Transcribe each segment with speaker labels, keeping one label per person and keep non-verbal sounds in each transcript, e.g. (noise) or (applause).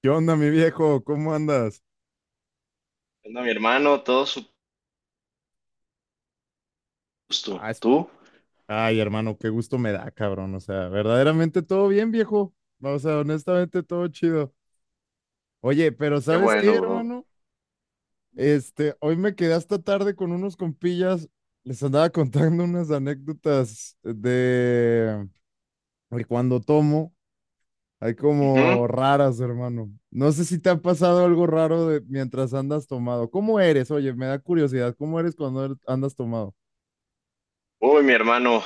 Speaker 1: ¿Qué onda, mi viejo? ¿Cómo andas?
Speaker 2: Anda, mi hermano, todo su
Speaker 1: Ah,
Speaker 2: gusto.
Speaker 1: es-
Speaker 2: ¿Tú?
Speaker 1: Ay, hermano, qué gusto me da, cabrón. O sea, verdaderamente todo bien, viejo. O sea, honestamente todo chido. Oye, pero
Speaker 2: Qué
Speaker 1: ¿sabes qué,
Speaker 2: bueno, bro.
Speaker 1: hermano? Hoy me quedé hasta tarde con unos compillas. Les andaba (laughs) contando unas anécdotas de cuando tomo. Hay como
Speaker 2: Ujú.
Speaker 1: raras, hermano. No sé si te ha pasado algo raro de mientras andas tomado. ¿Cómo eres? Oye, me da curiosidad. ¿Cómo eres cuando andas tomado?
Speaker 2: Uy, mi hermano,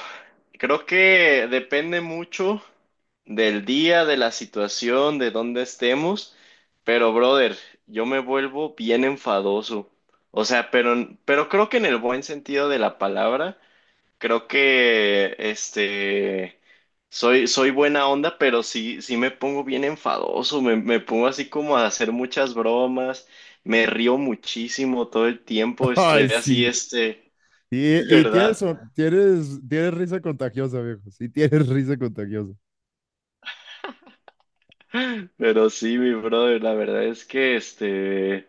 Speaker 2: creo que depende mucho del día, de la situación, de dónde estemos, pero brother, yo me vuelvo bien enfadoso. O sea, pero creo que en el buen sentido de la palabra. Creo que soy buena onda, pero sí, sí me pongo bien enfadoso, me pongo así como a hacer muchas bromas, me río muchísimo todo el
Speaker 1: (laughs)
Speaker 2: tiempo, estoy
Speaker 1: Ay,
Speaker 2: así,
Speaker 1: sí. Y,
Speaker 2: (laughs)
Speaker 1: y tienes,
Speaker 2: ¿verdad?
Speaker 1: son- tienes, tienes risa contagiosa, viejo. Sí, (laughs) tienes risa contagiosa.
Speaker 2: Pero sí, mi brother, la verdad es que este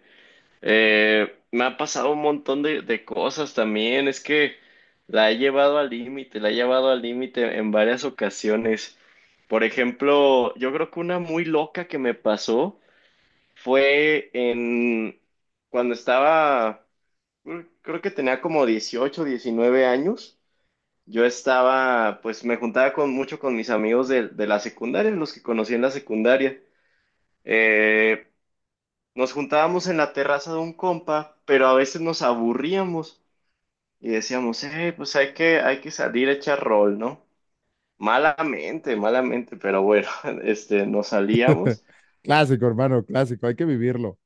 Speaker 2: eh, me ha pasado un montón de cosas también, es que la he llevado al límite, la he llevado al límite en varias ocasiones. Por ejemplo, yo creo que una muy loca que me pasó fue en cuando estaba, creo que tenía como 18 o 19 años. Yo estaba, pues me juntaba con mucho con mis amigos de la secundaria, los que conocí en la secundaria. Eh, nos juntábamos en la terraza de un compa, pero a veces nos aburríamos y decíamos, pues hay que salir a echar rol, ¿no? Malamente, malamente, pero bueno, (laughs) nos
Speaker 1: (laughs)
Speaker 2: salíamos.
Speaker 1: Clásico, hermano, clásico. Hay que vivirlo.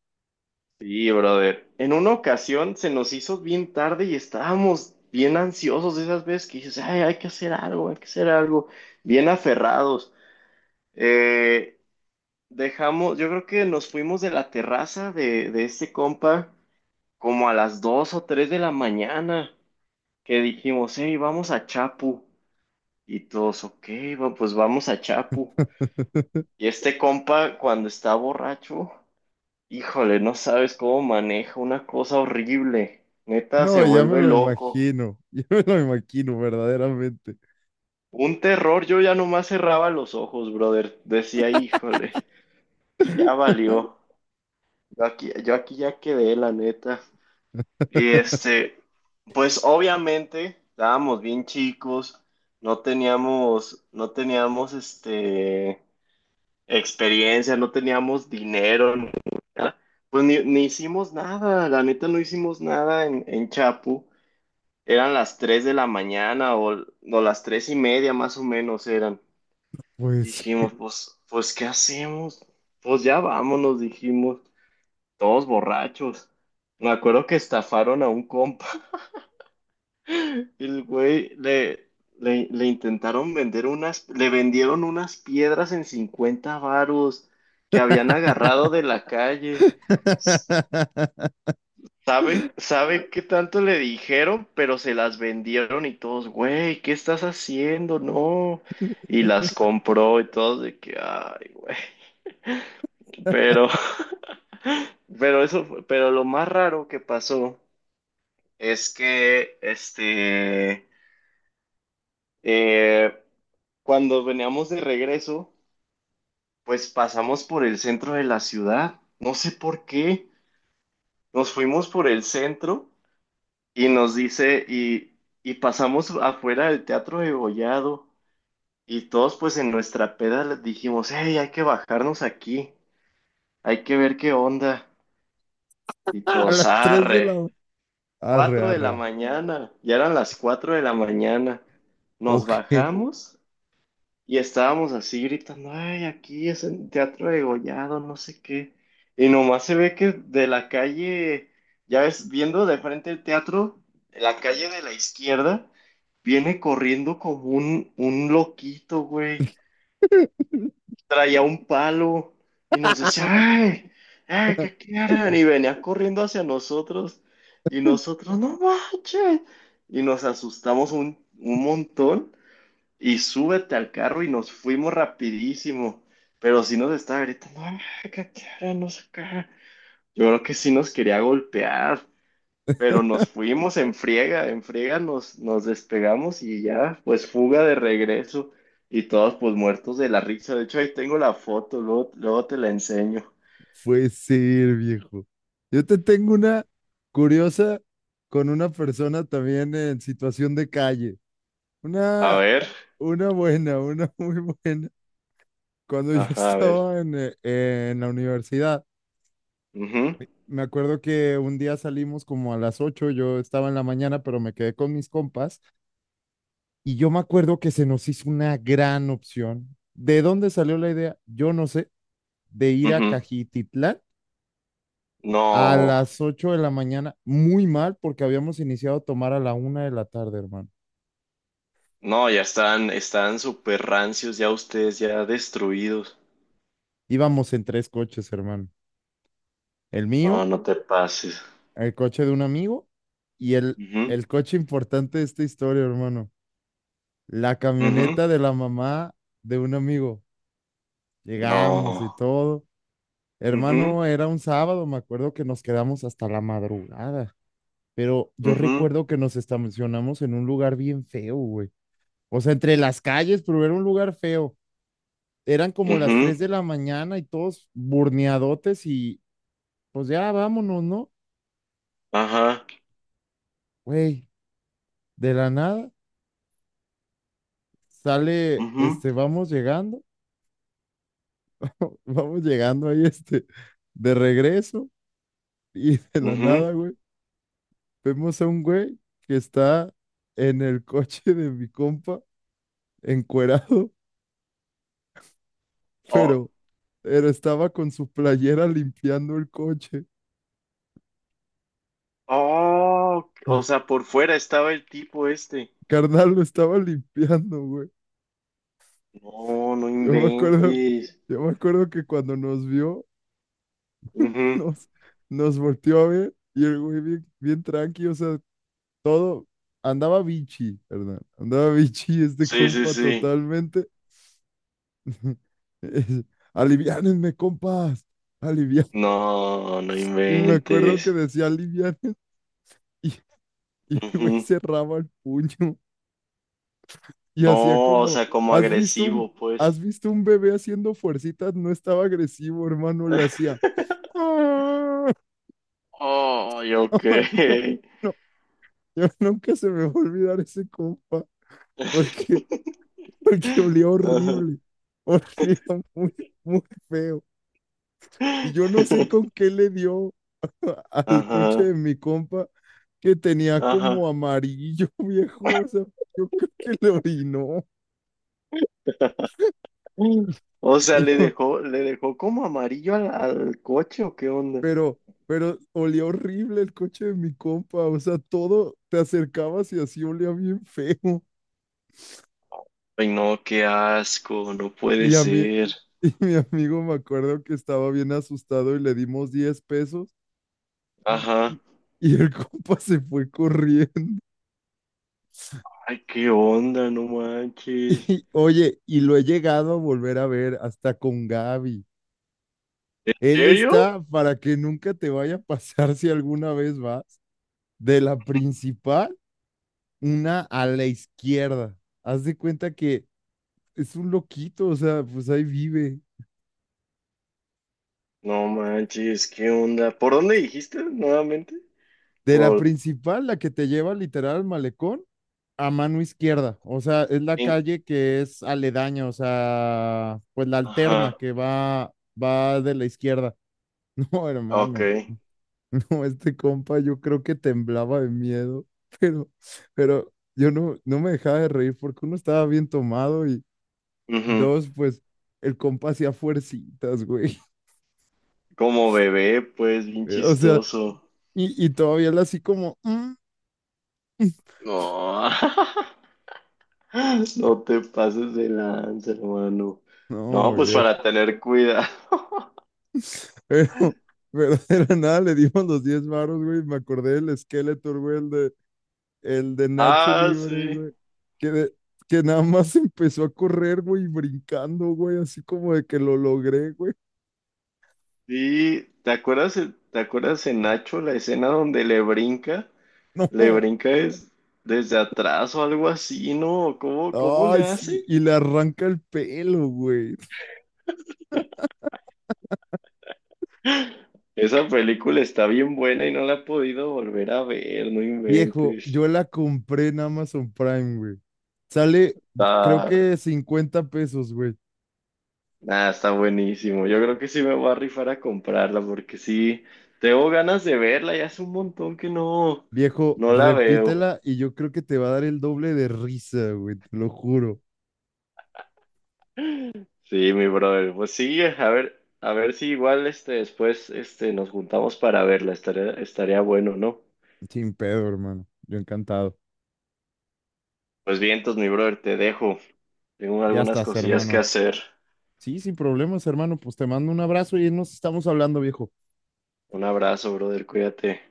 Speaker 2: Sí, brother. En una ocasión se nos hizo bien tarde y estábamos bien ansiosos de esas veces que dices, ay, hay que hacer algo, hay que hacer algo, bien aferrados. Eh, dejamos, yo creo que nos fuimos de la terraza de este compa como a las 2 o 3 de la mañana, que dijimos, hey, vamos a Chapu. Y todos, ok, pues vamos a Chapu.
Speaker 1: (laughs)
Speaker 2: Y este compa, cuando está borracho, híjole, no sabes cómo maneja. Una cosa horrible. Neta,
Speaker 1: No,
Speaker 2: se
Speaker 1: ya me
Speaker 2: vuelve
Speaker 1: lo
Speaker 2: loco.
Speaker 1: imagino. (laughs) Ya me lo imagino, verdaderamente.
Speaker 2: Un terror, yo ya nomás cerraba los ojos, brother. Decía, híjole, ya valió. Yo aquí ya quedé, la neta. Y pues obviamente estábamos bien chicos, no teníamos experiencia, no teníamos dinero, ni nada. Pues ni hicimos nada, la neta no hicimos nada en, en Chapu. Eran las 3 de la mañana o las 3 y media más o menos eran.
Speaker 1: Pues.
Speaker 2: Dijimos, pues, ¿qué hacemos? Pues ya vámonos, dijimos, todos borrachos. Me acuerdo que estafaron a un compa. (laughs) El güey le intentaron le vendieron unas piedras en 50 varos que habían agarrado
Speaker 1: (laughs)
Speaker 2: de la calle. Sabe qué tanto le dijeron? Pero se las vendieron y todos, güey, ¿qué estás haciendo? No. Y las compró y todos de que, ay, güey. Pero, (laughs) pero lo más raro que pasó es que, eh, cuando veníamos de regreso, pues pasamos por el centro de la ciudad. No sé por qué. Nos fuimos por el centro y y pasamos afuera del Teatro de y todos pues en nuestra peda les dijimos, hey, hay que bajarnos aquí, hay que ver qué onda, y
Speaker 1: A
Speaker 2: todos,
Speaker 1: las 3 de
Speaker 2: arre,
Speaker 1: la. Arre,
Speaker 2: cuatro de la
Speaker 1: arre.
Speaker 2: mañana, ya eran las 4 de la mañana, nos
Speaker 1: Ok.
Speaker 2: bajamos. Y estábamos así gritando, ay, aquí es el Teatro Degollado, no sé qué. Y nomás se ve que de la calle, ya ves, viendo de frente el teatro, la calle de la izquierda, viene corriendo como un loquito, güey.
Speaker 1: (laughs)
Speaker 2: Traía un palo y nos decía, ay, ay, ¿qué quieren? Y venía corriendo hacia nosotros. Y nosotros, no manches. Y nos asustamos un montón. Y súbete al carro y nos fuimos rapidísimo. Pero sí nos estaba gritando, "Ah, acá, qué hora no sé acá". Yo creo que sí nos quería golpear, pero nos fuimos en friega nos despegamos y ya, pues fuga de regreso. Y todos pues muertos de la risa. De hecho, ahí tengo la foto, luego, luego te la enseño.
Speaker 1: Puede ser, viejo. Yo te tengo una curiosa con una persona también en situación de calle.
Speaker 2: A
Speaker 1: Una
Speaker 2: ver,
Speaker 1: Una buena, una (laughs) muy buena. Cuando yo
Speaker 2: ajá, a ver.
Speaker 1: estaba en la universidad,
Speaker 2: Ujú,
Speaker 1: me acuerdo que un día salimos como a las 8. Yo estaba en la mañana, pero me quedé con mis compas y yo me acuerdo que se nos hizo una gran opción. ¿De dónde salió la idea? Yo no sé, de ir a
Speaker 2: ujú.
Speaker 1: Cajititlán a
Speaker 2: No,
Speaker 1: las 8 de la mañana, muy mal porque habíamos iniciado a tomar a la 1 de la tarde, hermano.
Speaker 2: no, ya están, están súper rancios, ya ustedes ya destruidos.
Speaker 1: Íbamos en tres coches, hermano. El
Speaker 2: No,
Speaker 1: mío,
Speaker 2: no te pases.
Speaker 1: el coche de un amigo y el,
Speaker 2: Ujú,
Speaker 1: el coche importante de esta historia, hermano. La
Speaker 2: ujú.
Speaker 1: camioneta de la mamá de un amigo. Llegamos y
Speaker 2: No.
Speaker 1: todo.
Speaker 2: Ujú,
Speaker 1: Hermano, era un sábado, me acuerdo que nos quedamos hasta la madrugada, pero yo
Speaker 2: ujú,
Speaker 1: recuerdo que nos estacionamos en un lugar bien feo, güey. O sea, entre las calles, pero era un lugar feo. Eran como las
Speaker 2: ujú.
Speaker 1: 3 de la mañana y todos burneadotes y pues ya vámonos, ¿no?
Speaker 2: Ajá.
Speaker 1: Güey, de la nada sale,
Speaker 2: Ujú,
Speaker 1: vamos llegando. (laughs) Vamos llegando ahí, de regreso y (laughs) de la
Speaker 2: ujú.
Speaker 1: nada, güey, vemos a un güey que está en el coche de mi compa, encuerado, (laughs)
Speaker 2: Oh,
Speaker 1: pero, pero estaba con su playera limpiando el coche.
Speaker 2: oh, o sea,
Speaker 1: (laughs)
Speaker 2: por fuera estaba el tipo este.
Speaker 1: Carnal, lo estaba limpiando, güey.
Speaker 2: No, no
Speaker 1: Yo me acuerdo,
Speaker 2: inventes.
Speaker 1: yo me acuerdo que cuando nos vio, (laughs)
Speaker 2: Ujú.
Speaker 1: nos, nos volteó a ver y el güey bien, bien tranqui, o sea, todo andaba bichi, ¿verdad? Andaba (laughs) bichi este
Speaker 2: Sí, sí,
Speaker 1: compa
Speaker 2: sí.
Speaker 1: totalmente. (laughs) Es, Aliviánenme, compas. Alivian.
Speaker 2: No, no
Speaker 1: Y me acuerdo que
Speaker 2: inventes.
Speaker 1: decía alivian y, y el güey
Speaker 2: Ujú.
Speaker 1: cerraba el puño y hacía
Speaker 2: No, o
Speaker 1: como,
Speaker 2: sea, como
Speaker 1: ¿has visto un,
Speaker 2: agresivo,
Speaker 1: has
Speaker 2: pues.
Speaker 1: visto un bebé haciendo fuercitas? No estaba agresivo, hermano, le hacía.
Speaker 2: (laughs)
Speaker 1: "Ah".
Speaker 2: Oh,
Speaker 1: (laughs)
Speaker 2: ok.
Speaker 1: Ay, no, no, yo nunca se me va a olvidar ese compa, porque,
Speaker 2: (laughs)
Speaker 1: porque olía
Speaker 2: Ajá.
Speaker 1: horrible, olía muy, muy feo. Y yo no sé
Speaker 2: (laughs)
Speaker 1: con qué le dio al coche
Speaker 2: Ajá.
Speaker 1: de mi compa que tenía como
Speaker 2: Ajá.
Speaker 1: amarillo, (laughs) viejo. O sea, yo creo que lo orinó. (laughs)
Speaker 2: O sea,
Speaker 1: Y yo,
Speaker 2: le dejó como amarillo al, al coche o qué onda.
Speaker 1: pero, pero olía horrible el coche de mi compa. O sea, todo te acercabas y así olía bien feo.
Speaker 2: Ay, no, qué asco, no puede
Speaker 1: Y a mí,
Speaker 2: ser.
Speaker 1: (laughs) y mi amigo me acuerdo que estaba bien asustado y le dimos 10 pesos. Y,
Speaker 2: Ajá.
Speaker 1: y- y el (laughs) compa se fue corriendo. (laughs)
Speaker 2: Ay, qué onda, no manches.
Speaker 1: Y oye, y lo he llegado a volver a ver hasta con Gaby.
Speaker 2: ¿En
Speaker 1: Él
Speaker 2: serio?
Speaker 1: está para que nunca te vaya a pasar si alguna vez vas. De la principal, una a la izquierda. Haz de cuenta que es un loquito, o sea, pues ahí vive.
Speaker 2: No manches, qué onda. ¿Por dónde dijiste nuevamente?
Speaker 1: De la
Speaker 2: Por
Speaker 1: principal, la que te lleva literal al malecón, a mano izquierda. O sea, es la
Speaker 2: Tin-
Speaker 1: calle que es aledaña, o sea, pues la alterna
Speaker 2: ajá,
Speaker 1: que va de la izquierda. (laughs) No,
Speaker 2: ok.
Speaker 1: hermano, no, este compa yo creo que temblaba de miedo, (laughs) pero, pero yo no me dejaba de reír porque uno estaba bien tomado y,
Speaker 2: Ujú.
Speaker 1: Dos, pues el compa hacía fuercitas, güey.
Speaker 2: Como bebé, pues, bien
Speaker 1: (laughs) O sea,
Speaker 2: chistoso.
Speaker 1: y todavía la así como, "Mm". (laughs)
Speaker 2: No, (laughs) no te pases de lanza, hermano.
Speaker 1: no,
Speaker 2: No, pues
Speaker 1: vieja.
Speaker 2: para tener cuidado. (laughs)
Speaker 1: Pero, pero era nada, le dimos los 10 varos, güey. Me acordé del Skeletor, güey, el de Nacho
Speaker 2: Ah,
Speaker 1: Libre,
Speaker 2: sí.
Speaker 1: güey. Que, de- que nada más (laughs) empezó a correr, güey, brincando, güey, así como de que lo logré, güey.
Speaker 2: Sí, ¿te acuerdas en Nacho la escena donde le brinca? Le
Speaker 1: (laughs)
Speaker 2: brinca desde atrás o algo así, ¿no? Cómo
Speaker 1: No, ay,
Speaker 2: le
Speaker 1: sí,
Speaker 2: hace?
Speaker 1: y le arranca el pelo, güey.
Speaker 2: (laughs) Esa película está bien buena y no la he podido volver a ver, no
Speaker 1: Viejo,
Speaker 2: inventes.
Speaker 1: yo la compré en Amazon Prime, güey. Sale, creo
Speaker 2: Está,
Speaker 1: que 50 pesos, güey.
Speaker 2: nada, está buenísimo. Yo creo que sí me voy a rifar a comprarla porque sí, tengo ganas de verla y hace un montón que no,
Speaker 1: Viejo,
Speaker 2: no la veo.
Speaker 1: repítela y yo creo que te va a dar el doble de risa, güey, te lo juro.
Speaker 2: Sí, mi brother. Pues sí, a ver si igual después nos juntamos para verla. Estaría bueno, ¿no?
Speaker 1: Sin pedo, hermano. Yo encantado.
Speaker 2: Pues bien, entonces, mi brother, te dejo. Tengo
Speaker 1: Ya
Speaker 2: algunas
Speaker 1: estás,
Speaker 2: cosillas que
Speaker 1: hermano.
Speaker 2: hacer.
Speaker 1: Sí, sin problemas, hermano. Pues te mando un abrazo y nos estamos hablando, viejo.
Speaker 2: Un abrazo, brother, cuídate.